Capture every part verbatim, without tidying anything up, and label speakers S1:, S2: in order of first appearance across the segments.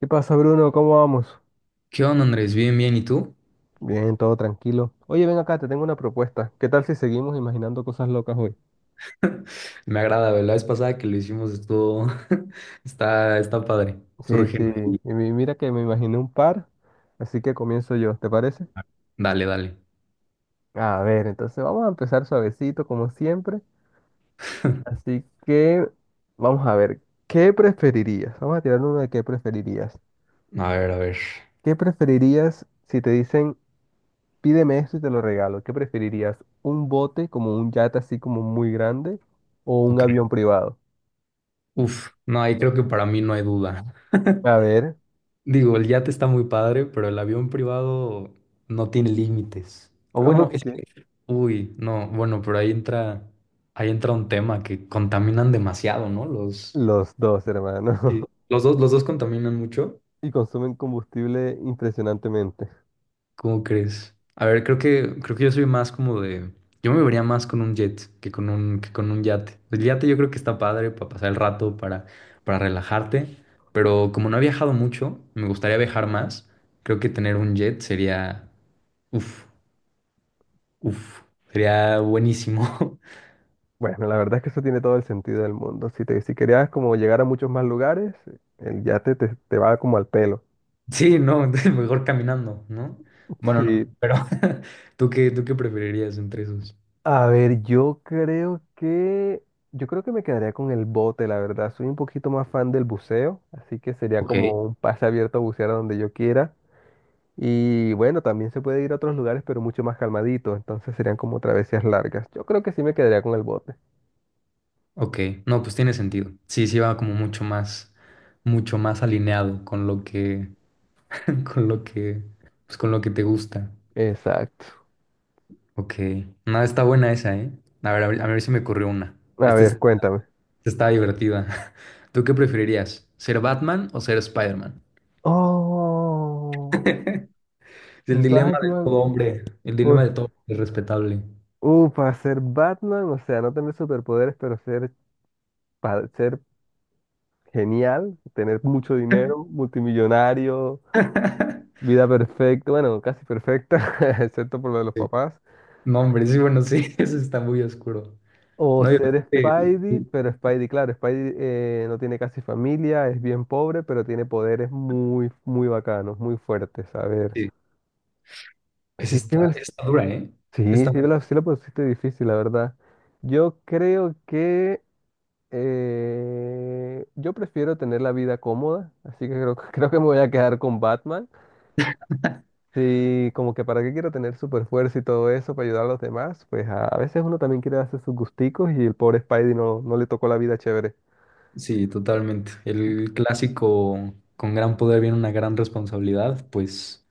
S1: ¿Qué pasa, Bruno? ¿Cómo vamos?
S2: ¿Qué onda, Andrés? Bien, bien, ¿y tú?
S1: Bien, todo tranquilo. Oye, ven acá, te tengo una propuesta. ¿Qué tal si seguimos imaginando cosas locas hoy?
S2: Me agrada, ¿ve? La vez pasada que lo hicimos estuvo... está, está padre.
S1: Sí,
S2: Surge.
S1: sí.
S2: Ahí.
S1: Y mi- mira que me imaginé un par, así que comienzo yo, ¿te parece?
S2: Dale, dale.
S1: A ver, entonces vamos a empezar suavecito, como siempre. Así que vamos a ver, ¿qué preferirías? Vamos a tirar uno de qué preferirías.
S2: A ver, a ver.
S1: ¿Qué preferirías si te dicen, pídeme esto y te lo regalo? ¿Qué preferirías? ¿Un bote como un yate así como muy grande o un
S2: Ok.
S1: avión privado?
S2: Uf, no, ahí creo que para mí no hay duda.
S1: A ver.
S2: Digo, el yate está muy padre, pero el avión privado no tiene límites. O bueno, es
S1: Ok.
S2: que... Uy, no, bueno, pero ahí entra... Ahí entra un tema que contaminan demasiado, ¿no? Los...
S1: Los dos, hermano.
S2: Sí. Los dos, los dos contaminan mucho.
S1: Y consumen combustible impresionantemente.
S2: ¿Cómo crees? A ver, creo que, creo que yo soy más como de. Yo me vería más con un jet que con un, que con un yate. El yate yo creo que está padre para pasar el rato, para, para relajarte. Pero como no he viajado mucho, me gustaría viajar más. Creo que tener un jet sería. Uf, uf. Sería buenísimo.
S1: Bueno, la verdad es que eso tiene todo el sentido del mundo. Si te, si querías como llegar a muchos más lugares, el yate te, te va como al pelo.
S2: Sí, no, mejor caminando, ¿no? Bueno,
S1: Sí.
S2: no, pero ¿tú qué, tú qué preferirías entre esos?
S1: A ver, yo creo que yo creo que me quedaría con el bote, la verdad. Soy un poquito más fan del buceo, así que sería
S2: Ok.
S1: como un pase abierto a bucear a donde yo quiera. Y bueno, también se puede ir a otros lugares, pero mucho más calmadito. Entonces serían como travesías largas. Yo creo que sí me quedaría con el bote.
S2: Ok, no, pues tiene sentido. Sí, sí va como mucho más, mucho más alineado con lo que, con lo que, pues con lo que te gusta.
S1: Exacto.
S2: Ok, nada, está buena esa, ¿eh? A ver, a ver, a ver si me ocurrió una.
S1: A
S2: Esta es-
S1: ver, cuéntame.
S2: Esta está divertida. ¿Tú qué preferirías? ¿Ser Batman o ser Spider-Man?
S1: Oh,
S2: Es el dilema de
S1: Batman.
S2: todo hombre, el
S1: Uf,
S2: dilema de todo hombre respetable.
S1: uh, para ser Batman, o sea, no tener superpoderes, pero ser, pa- ser genial, tener mucho dinero, multimillonario, vida perfecta, bueno, casi perfecta, excepto por lo de los
S2: Sí.
S1: papás.
S2: No, hombre, sí, bueno, sí, eso está muy oscuro.
S1: O
S2: No, yo,
S1: ser
S2: sí,
S1: Spidey, pero Spidey, claro, Spidey eh, no tiene casi familia, es bien pobre, pero tiene poderes muy, muy bacanos, muy fuertes. A ver,
S2: sí, esa
S1: si
S2: está,
S1: tiene
S2: está dura, ¿eh?
S1: Sí, sí la, sí la pusiste difícil, la verdad. Yo creo que eh, yo prefiero tener la vida cómoda, así que creo, creo que me voy a quedar con Batman. Sí, como que para qué quiero tener super fuerza y todo eso para ayudar a los demás, pues a, a veces uno también quiere hacer sus gusticos y el pobre Spidey no, no le tocó la vida chévere.
S2: Sí, totalmente. El clásico con gran poder viene una gran responsabilidad, pues,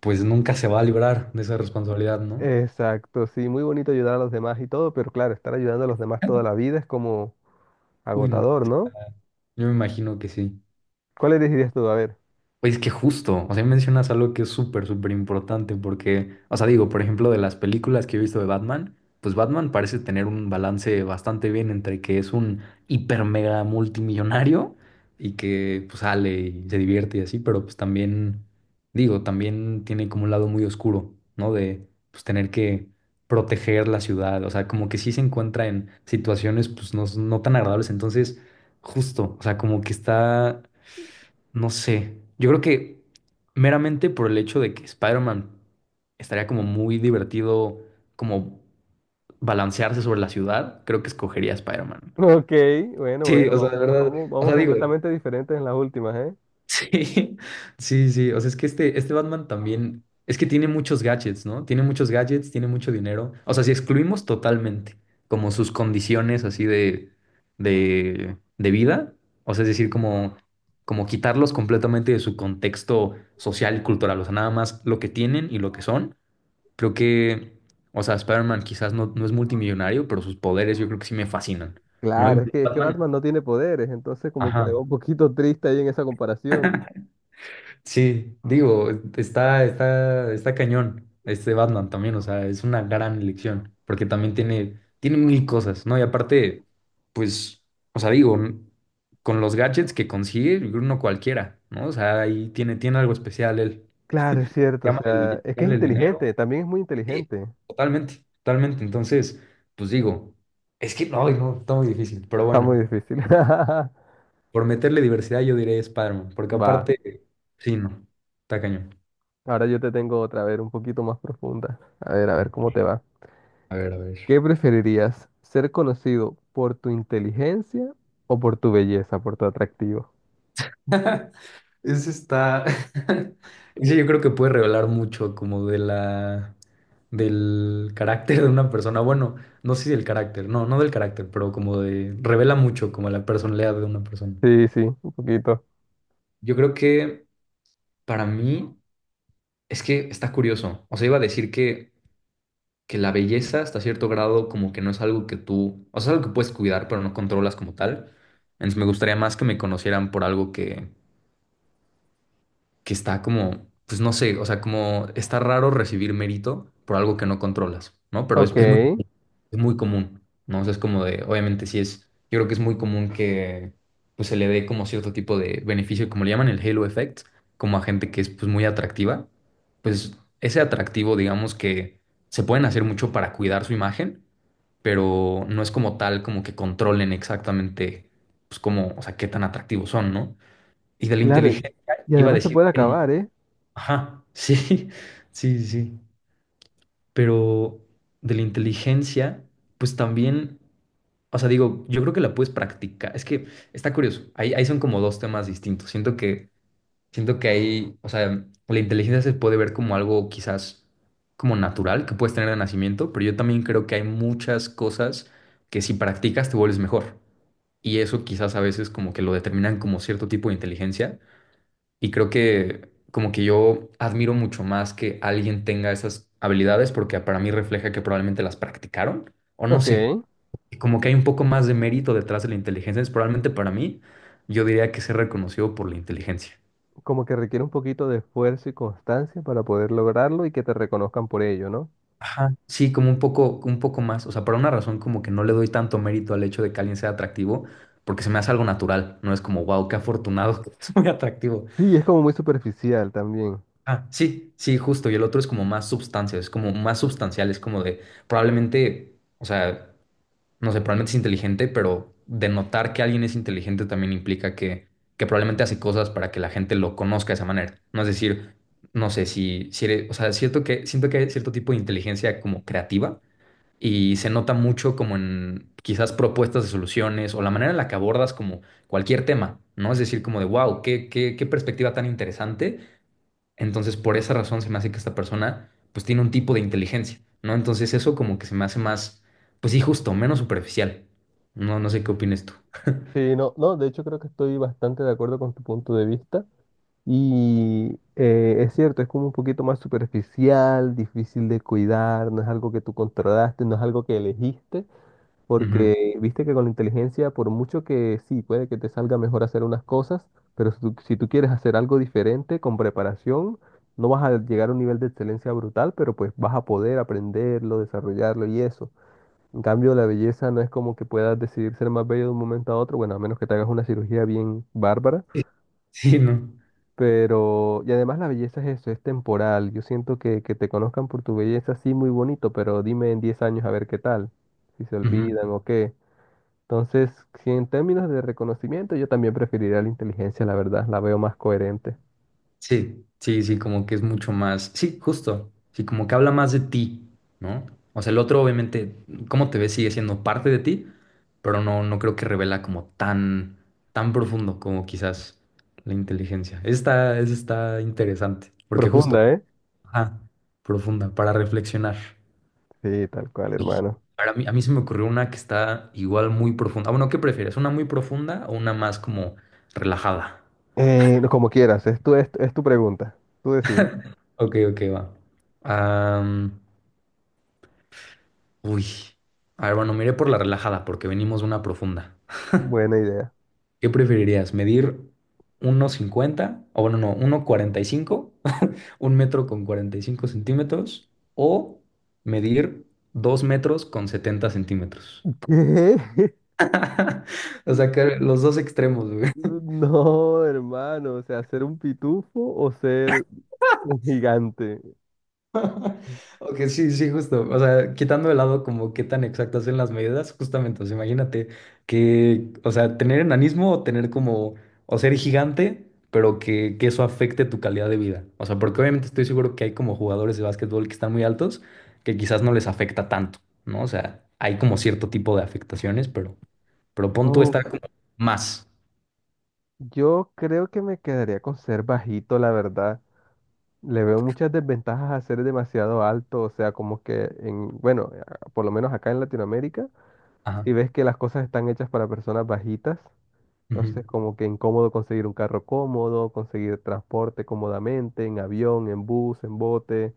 S2: pues nunca se va a librar de esa responsabilidad, ¿no?
S1: Exacto, sí, muy bonito ayudar a los demás y todo, pero claro, estar ayudando a los demás toda la vida es como
S2: Uy, no.
S1: agotador, ¿no?
S2: Yo me imagino que sí.
S1: ¿Cuál elegirías tú? A ver.
S2: Pues que justo, o sea, mencionas algo que es súper, súper importante porque, o sea, digo, por ejemplo, de las películas que he visto de Batman, pues Batman parece tener un balance bastante bien entre que es un hiper mega multimillonario y que pues sale y se divierte y así, pero pues también, digo, también tiene como un lado muy oscuro, ¿no? De pues tener que proteger la ciudad, o sea, como que sí se encuentra en situaciones pues no, no tan agradables, entonces, justo, o sea, como que está... No sé. Yo creo que meramente por el hecho de que Spider-Man estaría como muy divertido, como balancearse sobre la ciudad, creo que escogería a Spider-Man.
S1: Ok, bueno,
S2: Sí,
S1: bueno,
S2: o sea, de
S1: vamos,
S2: verdad,
S1: vamos,
S2: o
S1: vamos
S2: sea, digo,
S1: completamente diferentes en las últimas, ¿eh?
S2: Sí, sí, o sea, es que este, este Batman también, es que tiene muchos gadgets, ¿no? Tiene muchos gadgets, tiene mucho dinero. O sea, si excluimos totalmente como sus condiciones así de, de, de vida, o sea, es decir, como, como quitarlos completamente de su contexto social y cultural, o sea, nada más lo que tienen y lo que son, creo que, o sea, Spider-Man quizás no, no es multimillonario, pero sus poderes yo creo que sí me fascinan, ¿no? Y
S1: Claro, es que, es que
S2: Batman,
S1: Batman no tiene poderes, entonces como que le va
S2: ajá.
S1: un poquito triste ahí en esa comparación.
S2: Sí, digo, está, está, está cañón este Batman también, o sea, es una gran elección, porque también tiene, tiene mil cosas, ¿no? Y aparte, pues, o sea, digo, n- con los gadgets que consigue, yo creo no cualquiera, ¿no? O sea, ahí tiene, tiene algo especial él.
S1: Claro, es cierto, o
S2: Llámale,
S1: sea,
S2: el-
S1: es que es
S2: llámale el dinero.
S1: inteligente, también es muy
S2: Sí,
S1: inteligente.
S2: totalmente, totalmente. Entonces, pues digo, es que no, no, está muy difícil, pero
S1: Está muy
S2: bueno,
S1: difícil.
S2: por meterle diversidad yo diré Spider-Man, porque
S1: Va,
S2: aparte, sí, no, está cañón.
S1: ahora yo te tengo otra, a ver, un poquito más profunda. A ver, a ver cómo te va.
S2: A ver, a ver.
S1: ¿Qué preferirías, ser conocido por tu inteligencia o por tu belleza, por tu atractivo?
S2: Ese está. Ese yo creo que puede revelar mucho como de la. Del carácter de una persona. Bueno, no sé si del carácter, no, no del carácter, pero como de. Revela mucho como la personalidad de una persona.
S1: Sí, sí, un poquito.
S2: Yo creo que para mí es que está curioso. O sea, iba a decir que, que la belleza hasta cierto grado como que no es algo que tú, o sea, es algo que puedes cuidar, pero no controlas como tal. Entonces me gustaría más que me conocieran por algo que, que está como, pues no sé, o sea, como está raro recibir mérito por algo que no controlas, ¿no? Pero es,
S1: Ok,
S2: es muy, es muy común, ¿no? O sea, es como de, obviamente sí es, yo creo que es muy común que pues se le dé como cierto tipo de beneficio, como le llaman el halo effect, como a gente que es pues muy atractiva, pues ese atractivo, digamos que se pueden hacer mucho para cuidar su imagen, pero no es como tal como que controlen exactamente, pues como, o sea, qué tan atractivos son, ¿no? Y de la
S1: claro, y
S2: inteligencia
S1: y
S2: iba a
S1: además se
S2: decir
S1: puede
S2: que
S1: acabar, ¿eh?
S2: Ajá, sí, sí, sí. Pero de la inteligencia, pues también, o sea, digo, yo creo que la puedes practicar. Es que está curioso. Ahí, ahí son como dos temas distintos. Siento que, siento que ahí, o sea, la inteligencia se puede ver como algo quizás como natural que puedes tener de nacimiento, pero yo también creo que hay muchas cosas que si practicas te vuelves mejor. Y eso quizás a veces como que lo determinan como cierto tipo de inteligencia y creo que como que yo admiro mucho más que alguien tenga esas habilidades porque para mí refleja que probablemente las practicaron o no
S1: Ok,
S2: sé. Y como que hay un poco más de mérito detrás de la inteligencia. Es probablemente para mí, yo diría que ser reconocido por la inteligencia.
S1: como que requiere un poquito de esfuerzo y constancia para poder lograrlo y que te reconozcan por ello, ¿no?
S2: Ajá. Sí, como un poco, un poco más. O sea, por una razón como que no le doy tanto mérito al hecho de que alguien sea atractivo porque se me hace algo natural. No es como, wow, qué afortunado, es muy atractivo.
S1: Sí, es como muy superficial también.
S2: Ah, sí, sí, justo. Y el otro es como más sustancia, es como más substancial, es como de probablemente, o sea, no sé, probablemente es inteligente, pero denotar que alguien es inteligente también implica que, que probablemente hace cosas para que la gente lo conozca de esa manera. No es decir, no sé si, si eres, o sea, es cierto que, siento que hay cierto tipo de inteligencia como creativa y se nota mucho como en quizás propuestas de soluciones o la manera en la que abordas como cualquier tema, ¿no? Es decir, como de, wow, qué, qué, qué perspectiva tan interesante entonces, por esa razón se me hace que esta persona pues tiene un tipo de inteligencia, ¿no? Entonces eso como que se me hace más, pues sí, justo, menos superficial. No, no sé qué opines tú.
S1: Sí, no, no, de hecho creo que estoy bastante de acuerdo con tu punto de vista y eh, es cierto, es como un poquito más superficial, difícil de cuidar, no es algo que tú controlaste, no es algo que elegiste.
S2: Ujú.
S1: Porque viste que con la inteligencia, por mucho que sí, puede que te salga mejor hacer unas cosas, pero si tú, si tú quieres hacer algo diferente con preparación, no vas a llegar a un nivel de excelencia brutal, pero pues vas a poder aprenderlo, desarrollarlo y eso. En cambio, la belleza no es como que puedas decidir ser más bello de un momento a otro, bueno, a menos que te hagas una cirugía bien bárbara,
S2: Sí, sí, no.
S1: pero... Y además la belleza es eso, es temporal. Yo siento que, que te conozcan por tu belleza, sí, muy bonito, pero dime en diez años a ver qué tal, si se
S2: Ujú.
S1: olvidan o qué. Entonces, si en términos de reconocimiento, yo también preferiría la inteligencia, la verdad, la veo más coherente.
S2: Sí, sí, sí, como que es mucho más, sí, justo, sí, como que habla más de ti, ¿no? O sea, el otro obviamente, cómo te ves sigue siendo parte de ti, pero no, no creo que revela como tan, tan profundo como quizás la inteligencia. Esta, está interesante, porque justo...
S1: Profunda, ¿eh?
S2: Ajá, profunda, para reflexionar.
S1: Sí, tal cual,
S2: Sí.
S1: hermano.
S2: Para mí, a mí se me ocurrió una que está igual muy profunda. Ah, bueno, ¿qué prefieres? ¿Una muy profunda o una más como relajada?
S1: Eh, no, como quieras, es tu, es, es tu pregunta. Tú decides.
S2: Ok, ok, va. Am, uy. A ver, bueno, miré por la relajada porque venimos de una profunda.
S1: Buena idea.
S2: ¿Qué preferirías? ¿Medir uno cincuenta. O bueno, no, uno cuarenta y cinco. un metro con cuarenta y cinco centímetros o medir dos metros con setenta centímetros.
S1: ¿Qué?
S2: O sea, que los dos extremos, güey.
S1: No, hermano, o sea, ser un pitufo o ser un gigante.
S2: Ok, sí, sí, justo. O sea, quitando de lado como qué tan exactas son las medidas, justamente, o sea, imagínate que, o sea, tener enanismo o tener como, o ser gigante, pero que, que eso afecte tu calidad de vida. O sea, porque obviamente estoy seguro que hay como jugadores de básquetbol que están muy altos, que quizás no les afecta tanto, ¿no? O sea, hay como cierto tipo de afectaciones, pero, pero pon tú
S1: Uf,
S2: estar como más.
S1: yo creo que me quedaría con ser bajito, la verdad. Le veo muchas desventajas a ser demasiado alto, o sea, como que en, bueno, a- por lo menos acá en Latinoamérica,
S2: Ajá.
S1: si ves que las cosas están hechas para personas bajitas,
S2: ujú,
S1: entonces como que incómodo conseguir un carro cómodo, conseguir transporte cómodamente, en avión, en bus, en bote,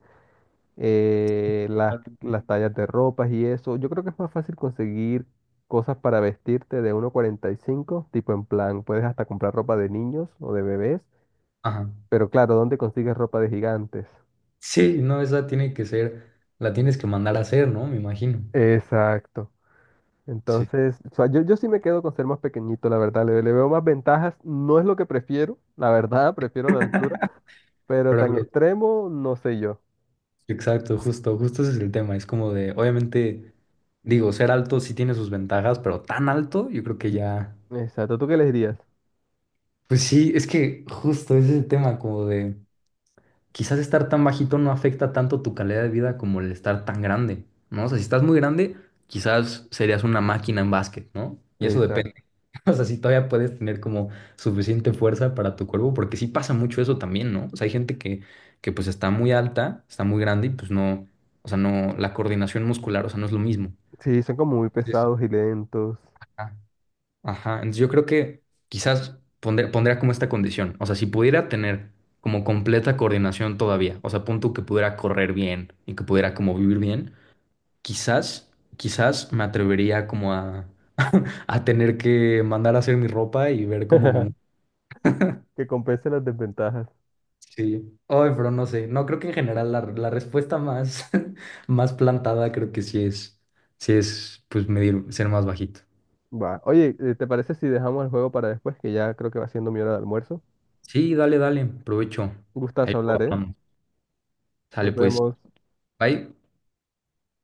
S1: eh, las, las tallas de ropas y eso. Yo creo que es más fácil conseguir cosas para vestirte de uno cuarenta y cinco, tipo en plan, puedes hasta comprar ropa de niños o de bebés,
S2: Ajá.
S1: pero claro, ¿dónde consigues ropa de gigantes?
S2: Sí, no, esa tiene que ser, la tienes que mandar a hacer, ¿no? Me imagino.
S1: Exacto.
S2: Sí,
S1: Entonces, o sea, yo, yo sí me quedo con ser más pequeñito, la verdad. Le, le veo más ventajas. No es lo que prefiero, la verdad, prefiero la altura, pero
S2: Pero
S1: tan
S2: lo-
S1: extremo, no sé yo.
S2: exacto, justo, justo ese es el tema. Es como de, obviamente, digo, ser alto sí tiene sus ventajas, pero tan alto, yo creo que ya.
S1: Exacto, ¿tú qué les dirías?
S2: Pues sí, es que justo ese es el tema, como de quizás estar tan bajito no afecta tanto tu calidad de vida como el estar tan grande, ¿no? O sea, si estás muy grande, quizás serías una máquina en básquet, ¿no? Y eso depende.
S1: Exacto.
S2: O sea, si todavía puedes tener como suficiente fuerza para tu cuerpo, porque sí pasa mucho eso también, ¿no? O sea, hay gente que, que pues está muy alta, está muy grande y pues no, o sea, no, la coordinación muscular, o sea, no es lo mismo.
S1: Sí, son como muy
S2: Entonces,
S1: pesados y lentos.
S2: ajá, ajá, entonces yo creo que quizás pondré- pondría como esta condición, o sea, si pudiera tener como completa coordinación todavía, o sea, punto que pudiera correr bien y que pudiera como vivir bien, quizás, quizás me atrevería como a, a tener que mandar a hacer mi ropa y ver cómo me muevo
S1: Que compensen las desventajas.
S2: Sí. Ay, pero no sé. No, creo que en general la, la respuesta más, más plantada creo que sí es, sí es, pues, medir, ser más bajito.
S1: Va. Oye, eh, ¿te parece si dejamos el juego para después? Que ya creo que va siendo mi hora de almuerzo.
S2: Sí, dale, dale. Provecho.
S1: Gustas
S2: Ahí lo
S1: hablar, ¿eh?
S2: hablamos. Sale,
S1: Nos
S2: pues.
S1: vemos.
S2: Bye.